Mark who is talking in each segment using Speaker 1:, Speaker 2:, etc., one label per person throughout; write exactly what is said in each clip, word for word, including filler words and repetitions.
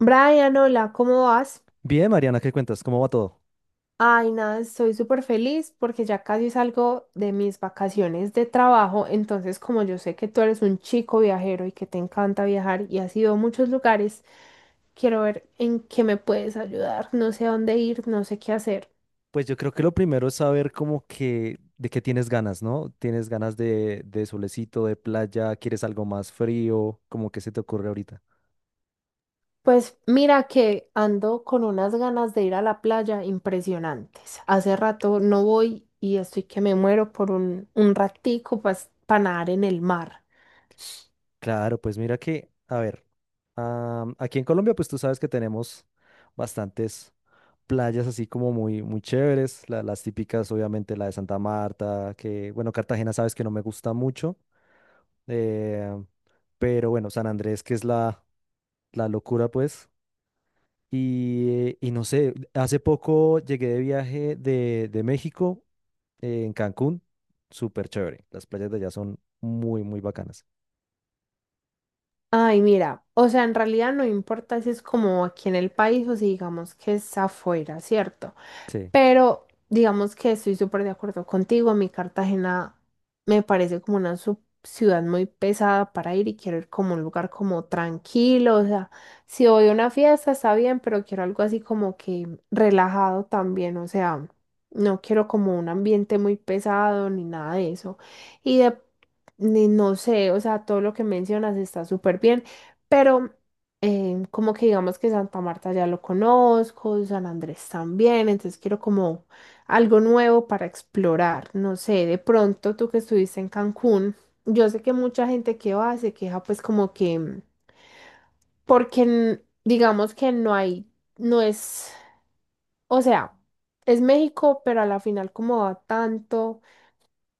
Speaker 1: Brian, hola, ¿cómo vas?
Speaker 2: Bien, Mariana, ¿qué cuentas? ¿Cómo va todo?
Speaker 1: Ay, nada, estoy súper feliz porque ya casi salgo de mis vacaciones de trabajo, entonces como yo sé que tú eres un chico viajero y que te encanta viajar y has ido a muchos lugares, quiero ver en qué me puedes ayudar, no sé a dónde ir, no sé qué hacer.
Speaker 2: Pues yo creo que lo primero es saber como que de qué tienes ganas, ¿no? ¿Tienes ganas de, de solecito, de playa? ¿Quieres algo más frío? ¿Cómo que se te ocurre ahorita?
Speaker 1: Pues mira que ando con unas ganas de ir a la playa impresionantes. Hace rato no voy y estoy que me muero por un, un ratico, pues, para nadar en el mar.
Speaker 2: Claro, pues mira que, a ver, am, aquí en Colombia pues tú sabes que tenemos bastantes playas así como muy, muy chéveres, la- las típicas, obviamente la de Santa Marta. Que bueno, Cartagena sabes que no me gusta mucho, eh, pero bueno, San Andrés que es la, la locura pues. Y, eh, y no sé, hace poco llegué de viaje de, de México, eh, en Cancún, súper chévere. Las playas de allá son muy, muy bacanas.
Speaker 1: Ay, mira, o sea, en realidad no importa si es como aquí en el país o si digamos que es afuera, ¿cierto?
Speaker 2: Sí,
Speaker 1: Pero digamos que estoy súper de acuerdo contigo. A mí Cartagena me parece como una su- ciudad muy pesada para ir, y quiero ir como a un lugar como tranquilo. O sea, si voy a una fiesta está bien, pero quiero algo así como que relajado también. O sea, no quiero como un ambiente muy pesado ni nada de eso. Y de, ni- no sé, o sea, todo lo que mencionas está súper bien, pero eh, como que digamos que Santa Marta ya lo conozco, San Andrés también, entonces quiero como algo nuevo para explorar. No sé, de pronto tú que estuviste en Cancún, yo sé que mucha gente que va se queja pues como que, mm, porque n- digamos que no hay, no es, o sea, es México, pero a la final como va tanto.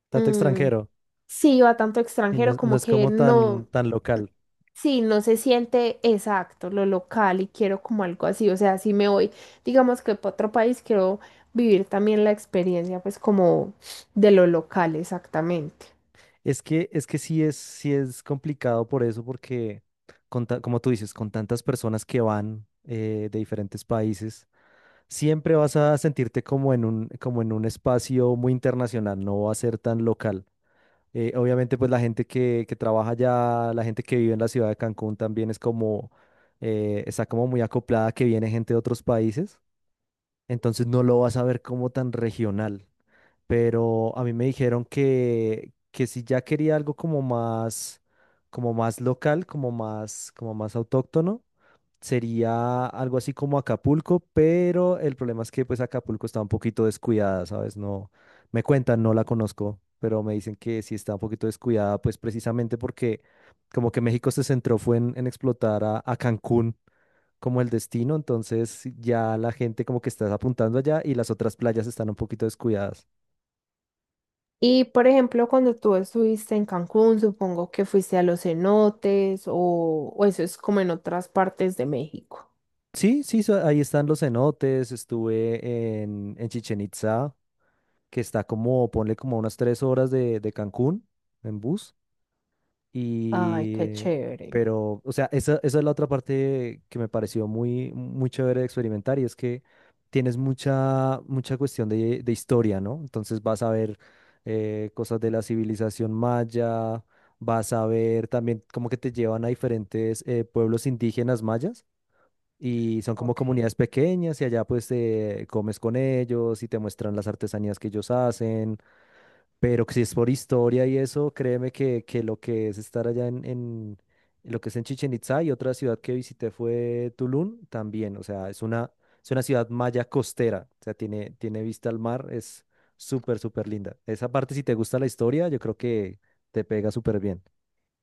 Speaker 2: tanto
Speaker 1: Mm,
Speaker 2: extranjero,
Speaker 1: sí, va tanto
Speaker 2: y no,
Speaker 1: extranjero
Speaker 2: es no
Speaker 1: como
Speaker 2: es
Speaker 1: que
Speaker 2: como tan,
Speaker 1: no,
Speaker 2: tan local.
Speaker 1: sí, no se siente exacto lo local, y quiero como algo así. O sea, si me voy, digamos que para otro país, quiero vivir también la experiencia, pues, como de lo local exactamente.
Speaker 2: Es que, es que sí es, sí es complicado por eso, porque con ta- como tú dices, con tantas personas que van, eh, de diferentes países, siempre vas a sentirte como en un, como en un espacio muy internacional, no va a ser tan local. Eh, obviamente, pues la gente que, que trabaja allá, la gente que vive en la ciudad de Cancún también es como, eh, está como muy acoplada que viene gente de otros países, entonces no lo vas a ver como tan regional. Pero a mí me dijeron que, que si ya quería algo como más, como más local, como más, como más autóctono, sería algo así como Acapulco, pero el problema es que pues Acapulco está un poquito descuidada, ¿sabes? No, me cuentan, no la conozco, pero me dicen que sí está un poquito descuidada, pues precisamente porque como que México se centró fue en, en explotar a, a Cancún como el destino, entonces ya la gente como que está apuntando allá y las otras playas están un poquito descuidadas.
Speaker 1: Y por ejemplo, cuando tú estuviste en Cancún, supongo que fuiste a los cenotes, o, o eso es como en otras partes de México.
Speaker 2: Sí, sí, so- ahí están los cenotes, estuve en, en Chichén Itzá, que está como, ponle como unas tres horas de, de Cancún en bus.
Speaker 1: Ay, qué
Speaker 2: Y,
Speaker 1: chévere.
Speaker 2: pero, o sea, esa, esa es la otra parte que me pareció muy, muy chévere de experimentar, y es que tienes mucha, mucha cuestión de, de historia, ¿no? Entonces vas a ver, eh, cosas de la civilización maya, vas a ver también como que te llevan a diferentes, eh, pueblos indígenas mayas, y son como
Speaker 1: Ok.
Speaker 2: comunidades pequeñas y allá pues, eh, comes con ellos y te muestran las artesanías que ellos hacen. Pero que si es por historia y eso, créeme que, que lo que es estar allá en, en lo que es en Chichén Itzá, y otra ciudad que visité fue Tulum también. O sea, es una, es una ciudad maya costera, o sea, tiene, tiene vista al mar, es súper, súper linda. Esa parte, si te gusta la historia, yo creo que te pega súper bien.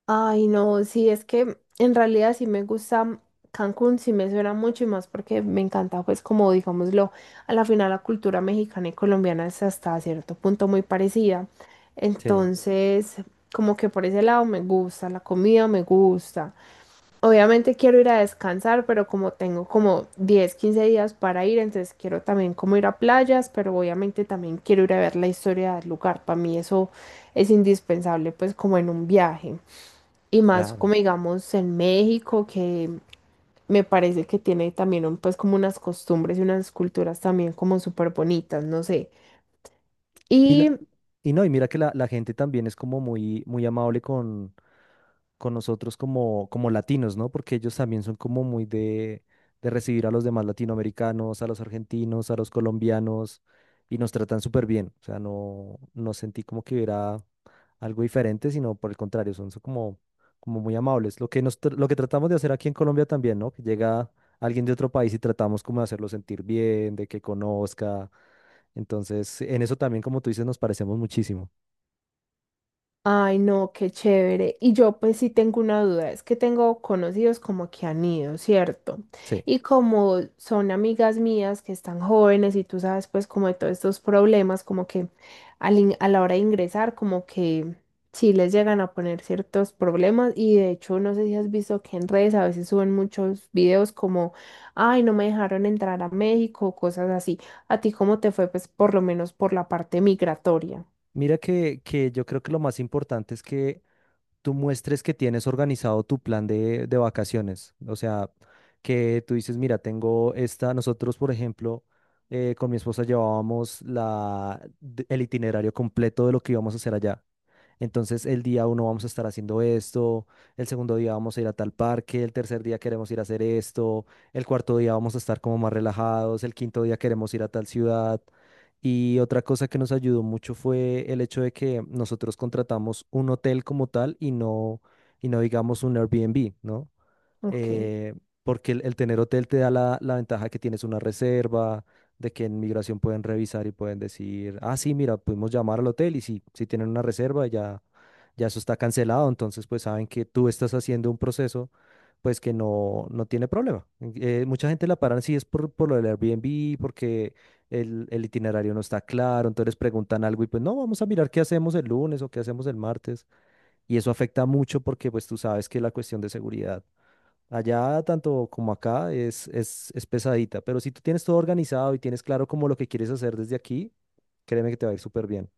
Speaker 1: Ay, no, sí, es que en realidad sí me gusta Cancún, sí me suena mucho, y más porque me encanta, pues, como digámoslo, a la final la cultura mexicana y colombiana es hasta cierto punto muy parecida.
Speaker 2: Sí,
Speaker 1: Entonces, como que por ese lado me gusta, la comida me gusta. Obviamente quiero ir a descansar, pero como tengo como diez quince días para ir, entonces quiero también como ir a playas, pero obviamente también quiero ir a ver la historia del lugar. Para mí eso es indispensable, pues, como en un viaje. Y más
Speaker 2: claro.
Speaker 1: como digamos en México, que me parece que tiene también un- pues como unas costumbres y unas culturas también como súper bonitas, no sé.
Speaker 2: Y,
Speaker 1: Y
Speaker 2: la, y no, y mira que la, la gente también es como muy, muy amable con, con nosotros como, como latinos, ¿no? Porque ellos también son como muy de, de recibir a los demás latinoamericanos, a los argentinos, a los colombianos, y nos tratan súper bien. O sea, no, no sentí como que hubiera algo diferente, sino por el contrario, son, son como, como muy amables. Lo que nos, tr- lo que tratamos de hacer aquí en Colombia también, ¿no? Que llega alguien de otro país y tratamos como de hacerlo sentir bien, de que conozca. Entonces, en eso también, como tú dices, nos parecemos muchísimo.
Speaker 1: ay, no, qué chévere. Y yo pues sí tengo una duda, es que tengo conocidos como que han ido, ¿cierto?
Speaker 2: Sí.
Speaker 1: Y como son amigas mías que están jóvenes y tú sabes pues como de todos estos problemas, como que al in- a la hora de ingresar, como que sí les llegan a poner ciertos problemas, y de hecho no sé si has visto que en redes a veces suben muchos videos como, ay, no me dejaron entrar a México, cosas así. ¿A ti cómo te fue pues por lo menos por la parte migratoria?
Speaker 2: Mira que, que yo creo que lo más importante es que tú muestres que tienes organizado tu plan de, de vacaciones. O sea, que tú dices, mira, tengo esta, nosotros, por ejemplo, eh, con mi esposa llevábamos la, de- el itinerario completo de lo que íbamos a hacer allá. Entonces, el día uno vamos a estar haciendo esto, el segundo día vamos a ir a tal parque, el tercer día queremos ir a hacer esto, el cuarto día vamos a estar como más relajados, el quinto día queremos ir a tal ciudad. Y otra cosa que nos ayudó mucho fue el hecho de que nosotros contratamos un hotel como tal, y no, y no digamos un Airbnb, ¿no?
Speaker 1: Ok.
Speaker 2: eh, porque el, el tener hotel te da la, la ventaja que tienes una reserva, de que en migración pueden revisar y pueden decir, ah, sí, mira, pudimos llamar al hotel y si, si tienen una reserva ya, ya eso está cancelado, entonces pues saben que tú estás haciendo un proceso pues que no, no tiene problema. Eh, mucha gente la paran si es por, por lo del Airbnb, porque el, el itinerario no está claro, entonces preguntan algo y pues no, vamos a mirar qué hacemos el lunes o qué hacemos el martes. Y eso afecta mucho porque pues tú sabes que la cuestión de seguridad allá tanto como acá es, es, es pesadita. Pero si tú tienes todo organizado y tienes claro como lo que quieres hacer desde aquí, créeme que te va a ir súper bien.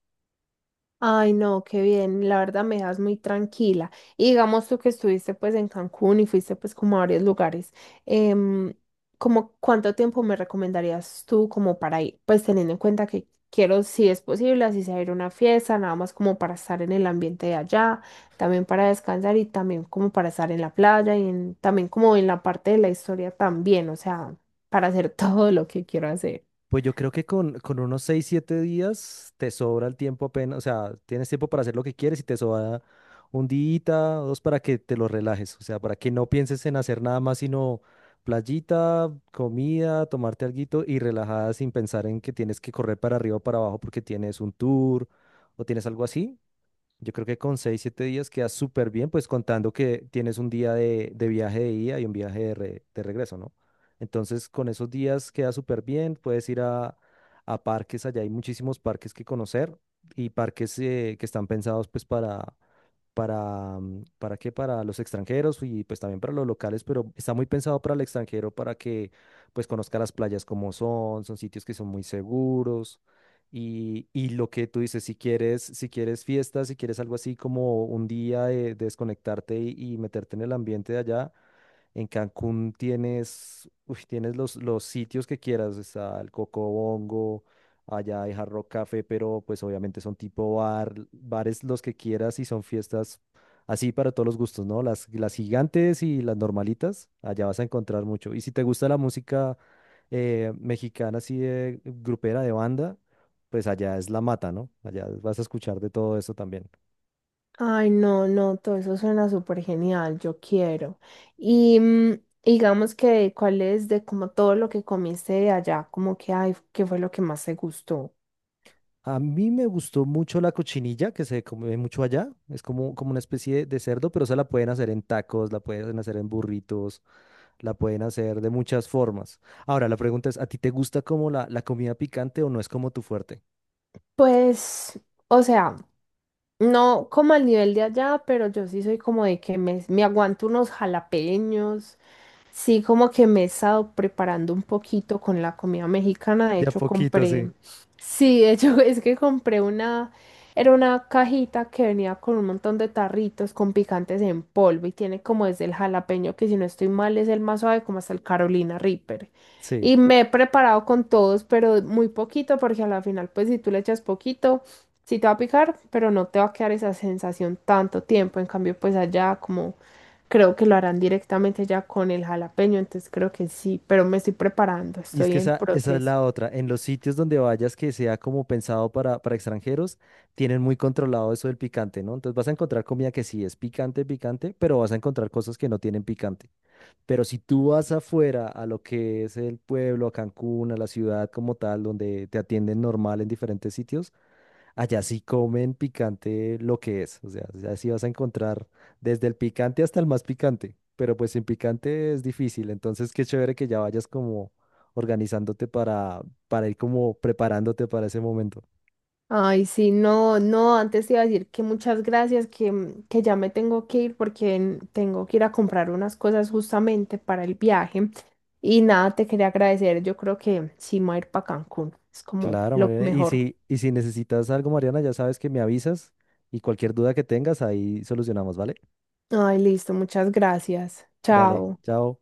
Speaker 1: Ay, no, qué bien, la verdad me das muy tranquila. Y digamos tú que estuviste pues en Cancún y fuiste pues como a varios lugares, em, ¿como cuánto tiempo me recomendarías tú como para ir? Pues teniendo en cuenta que quiero, si es posible, así sea ir a una fiesta, nada más como para estar en el ambiente de allá, también para descansar, y también como para estar en la playa, y en- también como en la parte de la historia también, o sea, para hacer todo lo que quiero hacer.
Speaker 2: Pues yo creo que con, con unos seis siete días te sobra el tiempo apenas, o sea, tienes tiempo para hacer lo que quieres y te sobra un día o dos para que te lo relajes, o sea, para que no pienses en hacer nada más sino playita, comida, tomarte alguito y relajada, sin pensar en que tienes que correr para arriba o para abajo porque tienes un tour o tienes algo así. Yo creo que con seis, siete días quedas súper bien, pues contando que tienes un día de, de viaje de ida y un viaje de, re- de regreso, ¿no? Entonces, con esos días quedas súper bien, puedes ir a, a parques, allá hay muchísimos parques que conocer, y parques, eh, que están pensados pues para, para, mm, ¿para qué? Para los extranjeros, y pues también para los locales, pero está muy pensado para el extranjero para que pues conozca las playas como son, son sitios que son muy seguros. Y, y lo que tú dices, si quieres, si quieres fiestas, si quieres algo así como un día de, de desconectarte y, y meterte en el ambiente de allá, en Cancún tienes, uy, tienes los, los sitios que quieras. Está el Cocobongo, allá hay Hard Rock Café, pero pues obviamente son tipo bar, bares los que quieras, y son fiestas así para todos los gustos, ¿no? Las, las gigantes y las normalitas, allá vas a encontrar mucho. Y si te gusta la música, eh, mexicana, así de grupera, de banda, pues allá es la mata, ¿no? Allá vas a escuchar de todo eso también.
Speaker 1: Ay, no, no, todo eso suena súper genial, yo quiero. Y mm, digamos que, ¿cuál es de como todo lo que comiste de allá? Como que, ay, ¿qué fue lo que más te gustó?
Speaker 2: A mí me gustó mucho la cochinilla, que se come mucho allá. Es como, como una especie de, de cerdo, pero esa la pueden hacer en tacos, la pueden hacer en burritos, la pueden hacer de muchas formas. Ahora, la pregunta es, ¿a ti te gusta como la, la comida picante o no es como tu fuerte?
Speaker 1: Pues, o sea, no como al nivel de allá, pero yo sí soy como de que me, me aguanto unos jalapeños. Sí, como que me he estado preparando un poquito con la comida mexicana. De
Speaker 2: De a
Speaker 1: hecho,
Speaker 2: poquito,
Speaker 1: compré.
Speaker 2: sí.
Speaker 1: Sí, de hecho, es que compré una. Era una cajita que venía con un montón de tarritos con picantes en polvo y tiene como desde el jalapeño, que si no estoy mal es el más suave, como hasta el Carolina Reaper.
Speaker 2: Sí.
Speaker 1: Y me he preparado con todos, pero muy poquito, porque a la final, pues si tú le echas poquito, sí te va a picar, pero no te va a quedar esa sensación tanto tiempo. En cambio, pues allá como creo que lo harán directamente ya con el jalapeño, entonces creo que sí, pero me estoy preparando,
Speaker 2: Y es
Speaker 1: estoy
Speaker 2: que
Speaker 1: en
Speaker 2: esa, esa es
Speaker 1: proceso.
Speaker 2: la otra. En los sitios donde vayas que sea como pensado para, para extranjeros, tienen muy controlado eso del picante, ¿no? Entonces vas a encontrar comida que sí es picante, picante, pero vas a encontrar cosas que no tienen picante. Pero si tú vas afuera a lo que es el pueblo, a Cancún, a la ciudad como tal, donde te atienden normal en diferentes sitios, allá sí comen picante lo que es. O sea, allá sí vas a encontrar desde el picante hasta el más picante. Pero pues sin picante es difícil. Entonces, qué chévere que ya vayas como organizándote para, para ir como preparándote para ese momento.
Speaker 1: Ay, sí, no, no, antes te iba a decir que muchas gracias, que, mm, que ya me tengo que ir porque en- tengo que ir a comprar unas cosas justamente para el viaje. Y nada, te quería agradecer, yo creo que sí me voy a ir para Cancún, es como
Speaker 2: Claro,
Speaker 1: lo
Speaker 2: Mariana. Y
Speaker 1: mejor.
Speaker 2: si, y si necesitas algo, Mariana, ya sabes que me avisas, y cualquier duda que tengas, ahí solucionamos, ¿vale?
Speaker 1: Ay, listo, muchas gracias.
Speaker 2: Dale,
Speaker 1: Chao.
Speaker 2: chao.